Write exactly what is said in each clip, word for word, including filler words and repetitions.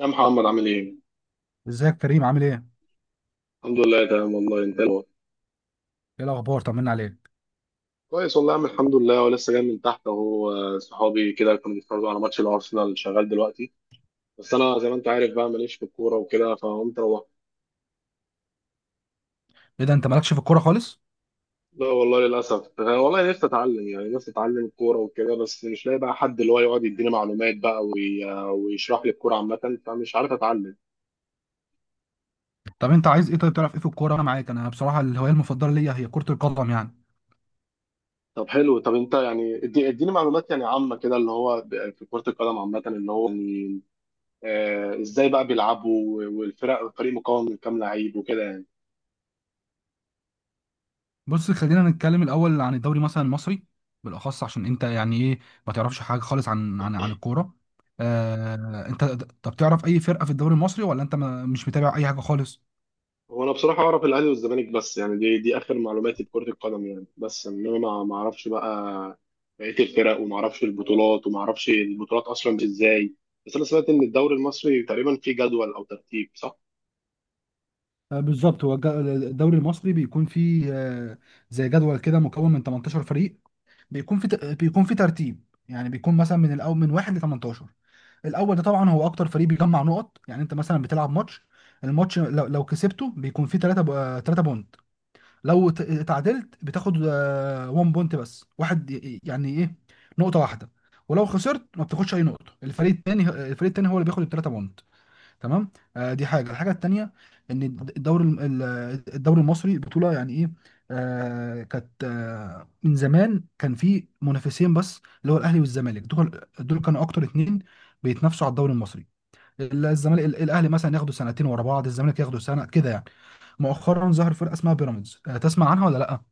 يا محمد عامل ايه؟ ازيك كريم، عامل ايه؟ الحمد لله تمام والله. انت إيه الأخبار؟ ايه الاخبار، طمنا عليك. كويس والله يا عم الحمد لله، ولسه جاي من تحت اهو. آه، صحابي كده كانوا بيتفرجوا على ماتش الارسنال شغال دلوقتي، بس انا زي ما انت عارف بقى ماليش في الكوره وكده، فقمت روحت. ايه ده، انت مالكش في الكوره خالص؟ لا والله للاسف. آه، والله نفسي اتعلم، يعني نفسي اتعلم الكوره وكده، بس مش لاقي بقى حد اللي هو يقعد يديني معلومات بقى وي... آه، ويشرح لي الكوره عامه، فمش عارف اتعلم. طب انت عايز ايه؟ طيب، تعرف ايه في الكوره؟ انا معاك. انا بصراحه الهوايه المفضله ليا هي كره القدم يعني. طب حلو، طب انت يعني ادي... اديني معلومات يعني عامه كده، اللي هو ب- في كره القدم عامه، اللي هو يعني آه، ازاي بقى بيلعبوا، والفرق الفريق مكون من كام لعيب وكده يعني. بص، خلينا نتكلم الاول عن الدوري مثلا المصري بالاخص، عشان انت يعني ايه، ما تعرفش حاجه خالص عن عن عن الكوره. آه انت. طب تعرف اي فرقه في الدوري المصري، ولا انت ما مش متابع اي حاجه خالص؟ هو انا بصراحه اعرف الاهلي والزمالك بس، يعني دي دي اخر معلوماتي بكره القدم يعني، بس انما ما ما اعرفش بقى بقيه الفرق، وما اعرفش البطولات، وما اعرفش البطولات اصلا ازاي. بس انا سمعت ان الدوري المصري تقريبا فيه جدول او ترتيب، صح؟ آه، بالظبط. هو الج- الدوري المصري بيكون فيه، آه، زي جدول كده مكون من تمنتاشر فريق. بيكون في ت- بيكون في ترتيب، يعني بيكون مثلا من الاول، من واحد ل تمنتاشر. الاول ده طبعا هو اكتر فريق بيجمع نقط. يعني انت مثلا بتلعب ماتش، الماتش لو, لو كسبته بيكون فيه تلاتة تلاتة بونت. لو ت- اتعادلت بتاخد واحد بونت بس، واحد، ي- يعني ايه؟ نقطة واحدة. ولو خسرت ما بتاخدش اي نقطة. الفريق التاني، الفريق التاني هو اللي بياخد الثلاثة بونت. تمام. آه دي حاجه الحاجه التانيه، ان الدوري الم- ال- الدوري المصري بطوله يعني ايه. آه كانت آه من زمان كان في منافسين بس، اللي هو الاهلي والزمالك. دول دول كانوا اكتر اتنين بيتنافسوا على الدوري المصري. ال- الزمالك، ال- الاهلي، مثلا ياخدوا سنتين ورا بعض، الزمالك ياخدوا سنه كده يعني. مؤخرا ظهر فرقه اسمها بيراميدز. آه تسمع عنها ولا لا؟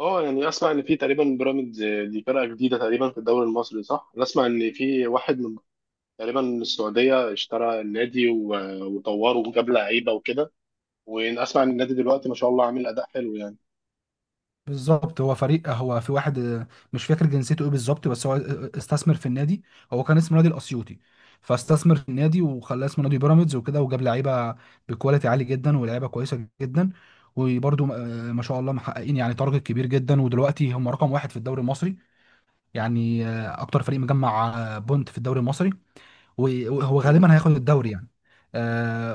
اه، يعني اسمع ان في تقريبا بيراميدز. آه، دي فرقه جديده تقريبا في الدوري المصري، صح؟ انا اسمع ان في واحد من تقريبا من السعوديه اشترى النادي و- وطوره وجاب لعيبه وكده. واسمع ان النادي دلوقتي ما شاء الله عامل اداء حلو يعني. بالظبط. هو فريق، هو في واحد، آه، مش فاكر جنسيته ايه بالظبط، بس هو آه، آه، استثمر في النادي. هو كان اسمه نادي الاسيوطي، فاستثمر في النادي وخلاه اسمه نادي بيراميدز وكده، وجاب لعيبه بكواليتي عالي جدا، ولعيبه كويسه جدا. وبرده ما شاء الله محققين يعني تارجت كبير جدا، ودلوقتي هم رقم واحد في الدوري المصري. يعني آه، اكتر فريق مجمع آه، بونت في الدوري المصري، و- وهو مم. غالبا هياخد الدوري يعني.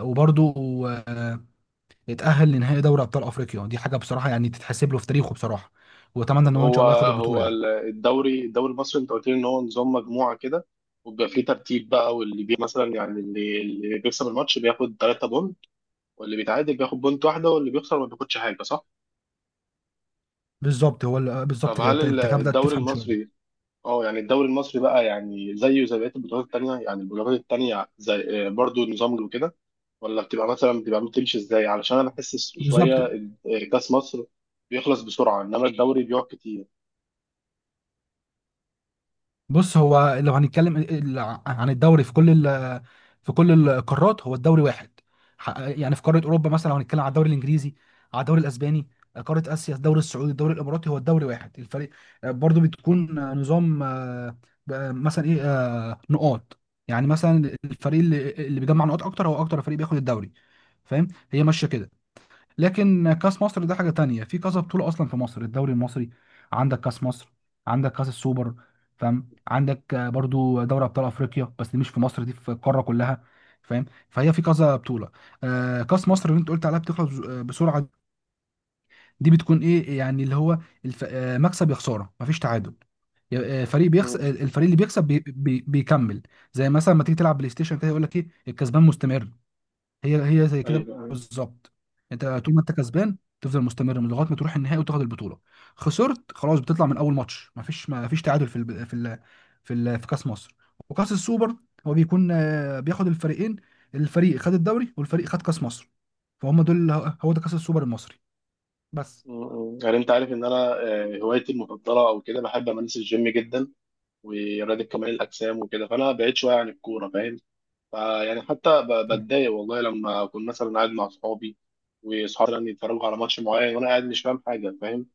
وبرده يتأهل لنهائي دوري أبطال أفريقيا. دي حاجة بصراحة يعني تتحسب له في تاريخه بصراحة. وأتمنى طب إن هو إن شاء هو، الله ياخد البطولة هو يعني. ال- الدوري الدوري المصري انت قلت لي ان هو نظام مجموعه كده، وبيبقى فيه ترتيب بقى، واللي بي مثلا يعني اللي, اللي بيكسب الماتش بياخد ثلاثة بونت، واللي بيتعادل بياخد بونت واحده، واللي بيخسر ما بياخدش حاجه، صح؟ بالظبط هو ال- طب بالظبط كده. هل أنت ال- أنت كده بدأت الدوري تفهم شوية. المصري، اه يعني الدوري المصري بقى يعني زيه زي بقيه البطولات التانيه، يعني البطولات التانيه زي آه، برضو نظام له كده، ولا بتبقى مثلا بتبقى بتمشي ازاي؟ علشان انا بحس بالظبط. شويه آه، كاس مصر بيخلص بسرعه، انما الدوري بيقعد كتير. بص، هو لو هنتكلم ال- ال- عن الدوري في كل ال- في كل القارات، هو الدوري واحد. ح- يعني في قاره اوروبا مثلا، لو هنتكلم على الدوري الانجليزي، على الدوري الاسباني، قاره اسيا، الدوري السعودي، الدوري الاماراتي، هو الدوري واحد. الفريق آه، برضو بتكون آه، نظام، آه، بقى مثلا ايه، آه، نقاط. يعني مثلا الفريق اللي اللي بيجمع نقاط اكتر هو اكتر فريق بياخد الدوري. فاهم؟ هي ماشيه كده. لكن كاس مصر ده حاجه تانية. في كذا بطوله اصلا في مصر: الدوري المصري، عندك كاس مصر، عندك كاس السوبر، فاهم؟ عندك آه، برضو دوري ابطال افريقيا بس دي مش في مصر، دي في القاره كلها، فاهم؟ فهي في كذا بطوله. آه كاس مصر اللي انت قلت عليها بتخلص بز- آه، بسرعه. دي بتكون ايه؟ يعني اللي هو الف... آه، مكسب يا خساره، مفيش تعادل. ي- آه، فريق مم. بيخسر، الفريق اللي بيكسب بي... بي... بيكمل. زي مثلا ما تيجي تلعب بلاي ستيشن كده، يقول لك ايه؟ الكسبان مستمر. هي هي زي كده ايوه. مم. بالظبط. انت طول ما انت كسبان تفضل مستمر، من لغايه ما تروح النهائي وتاخد البطوله. خسرت خلاص، بتطلع من اول ماتش. ما فيش ما فيش تعادل في ال في ال في, ال في كاس مصر وكاس السوبر. هو بيكون آه، بياخد الفريقين: الفريق خد الدوري والفريق خد كاس مصر، فهم دول، هو ده كاس السوبر المصري. بس. ايوه. مم. يعني انت عارف ان انا آه، هوايتي المفضله او كده بحب امارس الجيم جدا، ورياضه كمال الاجسام وكده، فانا بعيد شويه عن الكوره، فاهم؟ فيعني حتى ب- بتضايق والله لما اكون مثلا قاعد مع اصحابي، واصحابي مثلا يتفرجوا على ماتش معين وانا قاعد مش فاهم حاجه، فاهم؟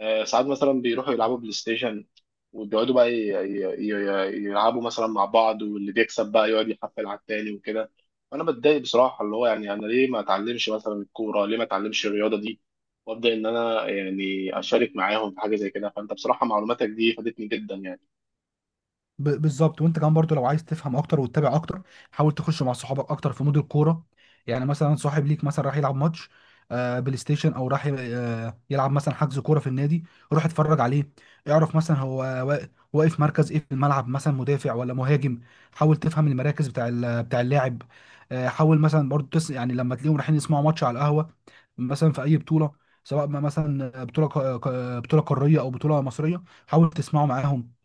آه، ساعات مثلا بيروحوا يلعبوا بلاي ستيشن، وبيقعدوا بقى ي- ي- ي- يلعبوا مثلا مع بعض، واللي بيكسب بقى يقعد يحفل على التاني وكده، وانا بتضايق بصراحه، اللي هو يعني انا ليه ما اتعلمش مثلا الكوره، ليه ما اتعلمش الرياضه دي، وابدا ان انا يعني اشارك معاهم في حاجه زي كده. فانت بصراحه معلوماتك دي فادتني جدا يعني. ب- بالظبط. وانت كمان برضو لو عايز تفهم اكتر وتتابع اكتر، حاول تخش مع صحابك اكتر في مود الكوره. يعني مثلا صاحب ليك مثلا راح يلعب ماتش، آه، بلاي ستيشن، او راح ي- آه، يلعب مثلا حجز كوره في النادي، روح اتفرج عليه. اعرف مثلا هو وا- واقف مركز ايه في الملعب، مثلا مدافع ولا مهاجم. حاول تفهم المراكز بتاع ال- بتاع اللاعب. آه، حاول مثلا برضو، تس يعني لما تلاقيهم رايحين يسمعوا ماتش على القهوه، مثلا في اي بطوله، سواء ما مثلا بطوله ق- ق- بطوله قاريه او بطوله مصريه، حاول تسمعوا معاهم.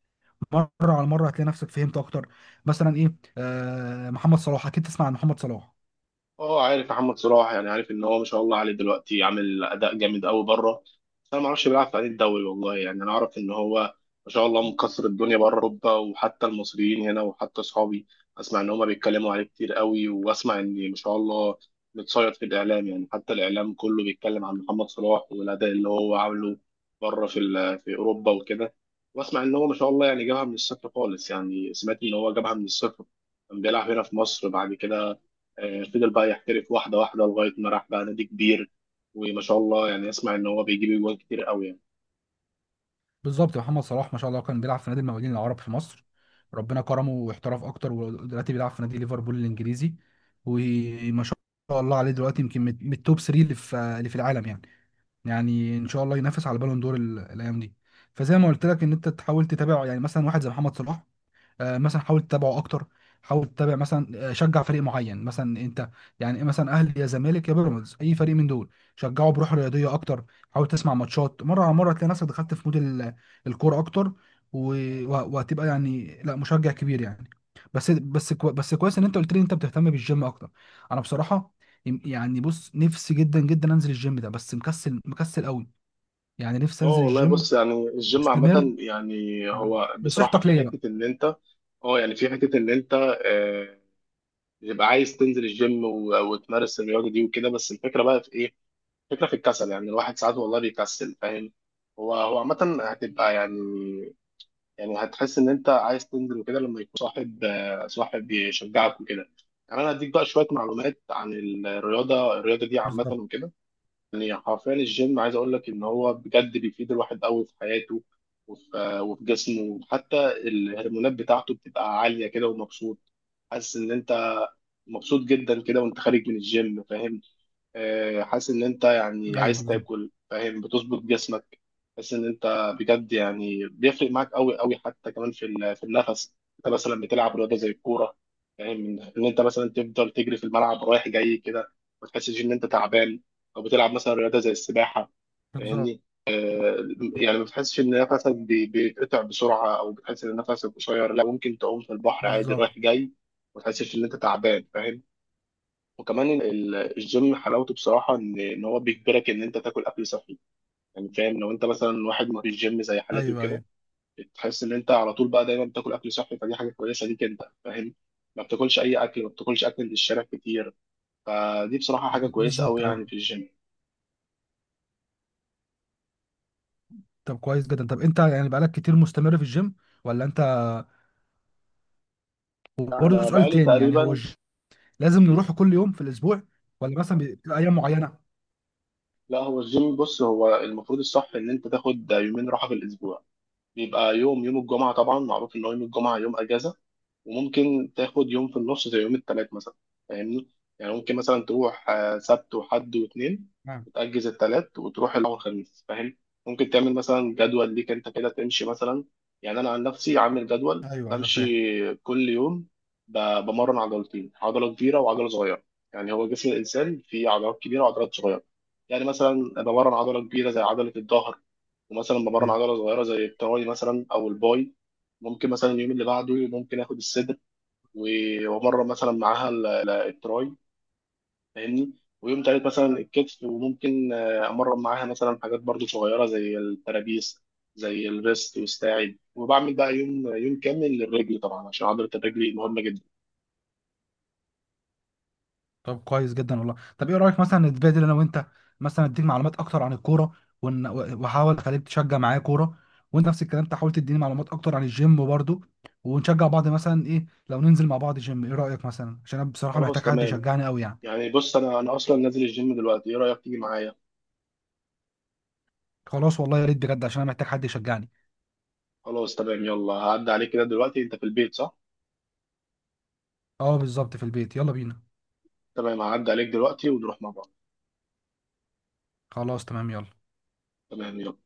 مره على مره هتلاقي نفسك فهمت اكتر. مثلا ايه، آه محمد صلاح، اكيد تسمع عن محمد صلاح. اه، عارف محمد صلاح، يعني عارف ان هو ما شاء الله عليه دلوقتي عامل اداء جامد قوي بره، بس انا ما اعرفش بيلعب في أنهي الدوري والله. يعني انا اعرف ان هو ما شاء الله مكسر الدنيا بره اوروبا، وحتى المصريين هنا وحتى اصحابي اسمع ان هما بيتكلموا عليه كتير قوي. واسمع ان ما شاء الله متصيد في الاعلام، يعني حتى الاعلام كله بيتكلم عن محمد صلاح والاداء اللي هو عامله بره في ال- في اوروبا وكده. واسمع ان هو ما شاء الله يعني جابها من الصفر خالص، يعني سمعت ان هو جابها من الصفر، كان بيلعب هنا في مصر. بعد كده آه، فضل بقى يحترف واحدة واحدة لغاية ما راح بقى نادي كبير، وما شاء الله يعني اسمع ان هو بيجيب جوان كتير قوي يعني. بالظبط. محمد صلاح ما شاء الله كان بيلعب في نادي المقاولين العرب في مصر. ربنا كرمه واحترف اكتر، ودلوقتي بيلعب في نادي ليفربول الانجليزي. وما شاء الله عليه دلوقتي، يمكن من من التوب تلاتة اللي في اللي في العالم يعني. يعني ان شاء الله ينافس على بالون دور ال- الايام دي. فزي ما قلت لك، ان انت تحاول تتابع، يعني مثلا واحد زي محمد صلاح، آه، مثلا حاول تتابعه اكتر. حاول تتابع مثلا، آه، شجع فريق معين مثلا انت، يعني مثلا اهلي يا زمالك يا بيراميدز، اي فريق من دول، شجعه بروح رياضيه اكتر. حاول تسمع ماتشات، مره على مره هتلاقي نفسك دخلت في مود ال- الكوره اكتر، و- و- وهتبقى يعني لا مشجع كبير يعني. بس بس كو بس كويس ان انت قلت لي إن انت بتهتم بالجيم اكتر. انا بصراحه، يم- يعني بص، نفسي جدا جدا انزل الجيم ده، بس مكسل مكسل قوي. يعني نفسي اه انزل والله، الجيم. بص يعني الجيم استمر، عامة يعني، هو بصراحة نصيحتك في ليا بقى. حتة ان انت، اه يعني في حتة ان انت آه، بتبقى عايز تنزل الجيم و- وتمارس الرياضة دي وكده، بس الفكرة بقى في ايه؟ الفكرة في الكسل، يعني الواحد ساعات والله بيكسل، فاهم؟ هو هو عامة هتبقى يعني، يعني هتحس ان انت عايز تنزل وكده لما يكون صاحب، آه، صاحب يشجعك وكده. يعني انا هديك بقى شويه معلومات عن الرياضه، الرياضه دي عامه بالظبط، وكده. يعني حرفيا الجيم عايز اقول لك ان هو بجد بيفيد الواحد قوي في حياته، وفي آه، وفي جسمه، وحتى الهرمونات بتاعته بتبقى عاليه كده، ومبسوط، حاسس ان انت مبسوط جدا كده وانت خارج من الجيم، فاهم؟ آه، حاسس ان انت يعني ايوه. عايز بالظبط. تاكل، فاهم؟ بتظبط جسمك، حاسس ان انت بجد يعني بيفرق معاك قوي قوي. حتى كمان في ال- في النفس، انت مثلا بتلعب رياضه زي الكوره، فاهم ان إن انت مثلا تفضل تجري في الملعب رايح جاي كده، ما تحسش ان انت تعبان، او بتلعب مثلا رياضه زي السباحه، بالظبط. فاهمني؟ آه، يعني ما بتحسش ان نفسك بي- بيتقطع بسرعه، او بتحس ان نفسك قصير، لا ممكن تعوم في البحر عادي بالظبط، رايح جاي، ما تحسش ان انت تعبان، فاهم؟ وكمان ال- ال- الجيم حلاوته بصراحه ان ان هو بيجبرك ان انت تاكل اكل صحي، يعني فاهم؟ لو انت مثلا واحد ما فيش جيم زي حالاتي ايوه، وكده، ايوه. تحس ان انت على طول بقى دايما بتاكل اكل صحي، فدي حاجه كويسه ليك انت، فاهم؟ ما بتاكلش اي اكل، ما بتاكلش اكل من الشارع كتير، فدي بصراحه حاجه ب- كويسه بالظبط، قوي ايوه. يعني في الجيم. طب كويس جدا. طب انت يعني بقالك كتير مستمر في الجيم ولا انت؟ يعني وبرضه انا سؤال بقالي تاني، يعني هو تقريبا. الجيم لازم مم. نروحه كل يوم في الاسبوع، ولا مثلا بتبقى ايام معينه؟ لا هو الجيم، بص هو المفروض الصح ان انت تاخد يومين راحه في الاسبوع. بيبقى يوم، يوم الجمعه طبعا معروف ان هو يوم الجمعه يوم اجازه، وممكن تاخد يوم في النص زي يوم التلات مثلا، فاهمني؟ يعني ممكن مثلا تروح آه، سبت وحد واثنين، نعم. وتأجز التلات، وتروح الأول والخميس، فاهم؟ ممكن تعمل مثلا جدول ليك أنت كده تمشي مثلا، يعني أنا عن نفسي عامل جدول ايوه، ايوه، فاهم. بمشي كل يوم. ب- بمرن عضلتين، عضلة كبيرة وعضلة صغيرة، يعني هو جسم الإنسان فيه عضلات كبيرة وعضلات صغيرة. يعني مثلا بمرن عضلة كبيرة زي عضلة الظهر، ومثلا بمرن أيوة. عضلة صغيرة زي التراي مثلا أو الباي. ممكن مثلا اليوم اللي بعده ممكن آخد الصدر و- وامرن مثلا معاها ال- ال- التراي، فاهمني؟ ويوم تالت مثلا الكتف، وممكن آه، امرن معاها مثلا حاجات برضو صغيره زي الترابيس، زي الريست والساعد، وبعمل بقى يوم، يوم كامل للرجل طبعا عشان عضله الرجل مهمه جدا. طب كويس جدا والله. طب ايه رايك مثلا نتبادل انا وانت، مثلا اديك معلومات اكتر عن الكوره، ون- واحاول اخليك تشجع معايا كوره، وانت نفس الكلام تحاول تديني معلومات اكتر عن الجيم برضه، ونشجع بعض. مثلا ايه لو ننزل مع بعض جيم؟ ايه رايك، مثلا عشان انا بصراحه خلاص محتاج حد تمام. يشجعني قوي يعني. يعني بص انا، انا اصلا نازل الجيم دلوقتي، ايه رايك تيجي معايا؟ خلاص، والله يا ريت بجد، عشان انا محتاج حد يشجعني. خلاص تمام، يلا هعدي عليك كده دلوقتي، انت في البيت صح؟ اه بالظبط، في البيت، يلا بينا. تمام، هعدي عليك دلوقتي ونروح مع بعض. خلاص تمام، يلا. تمام يلا.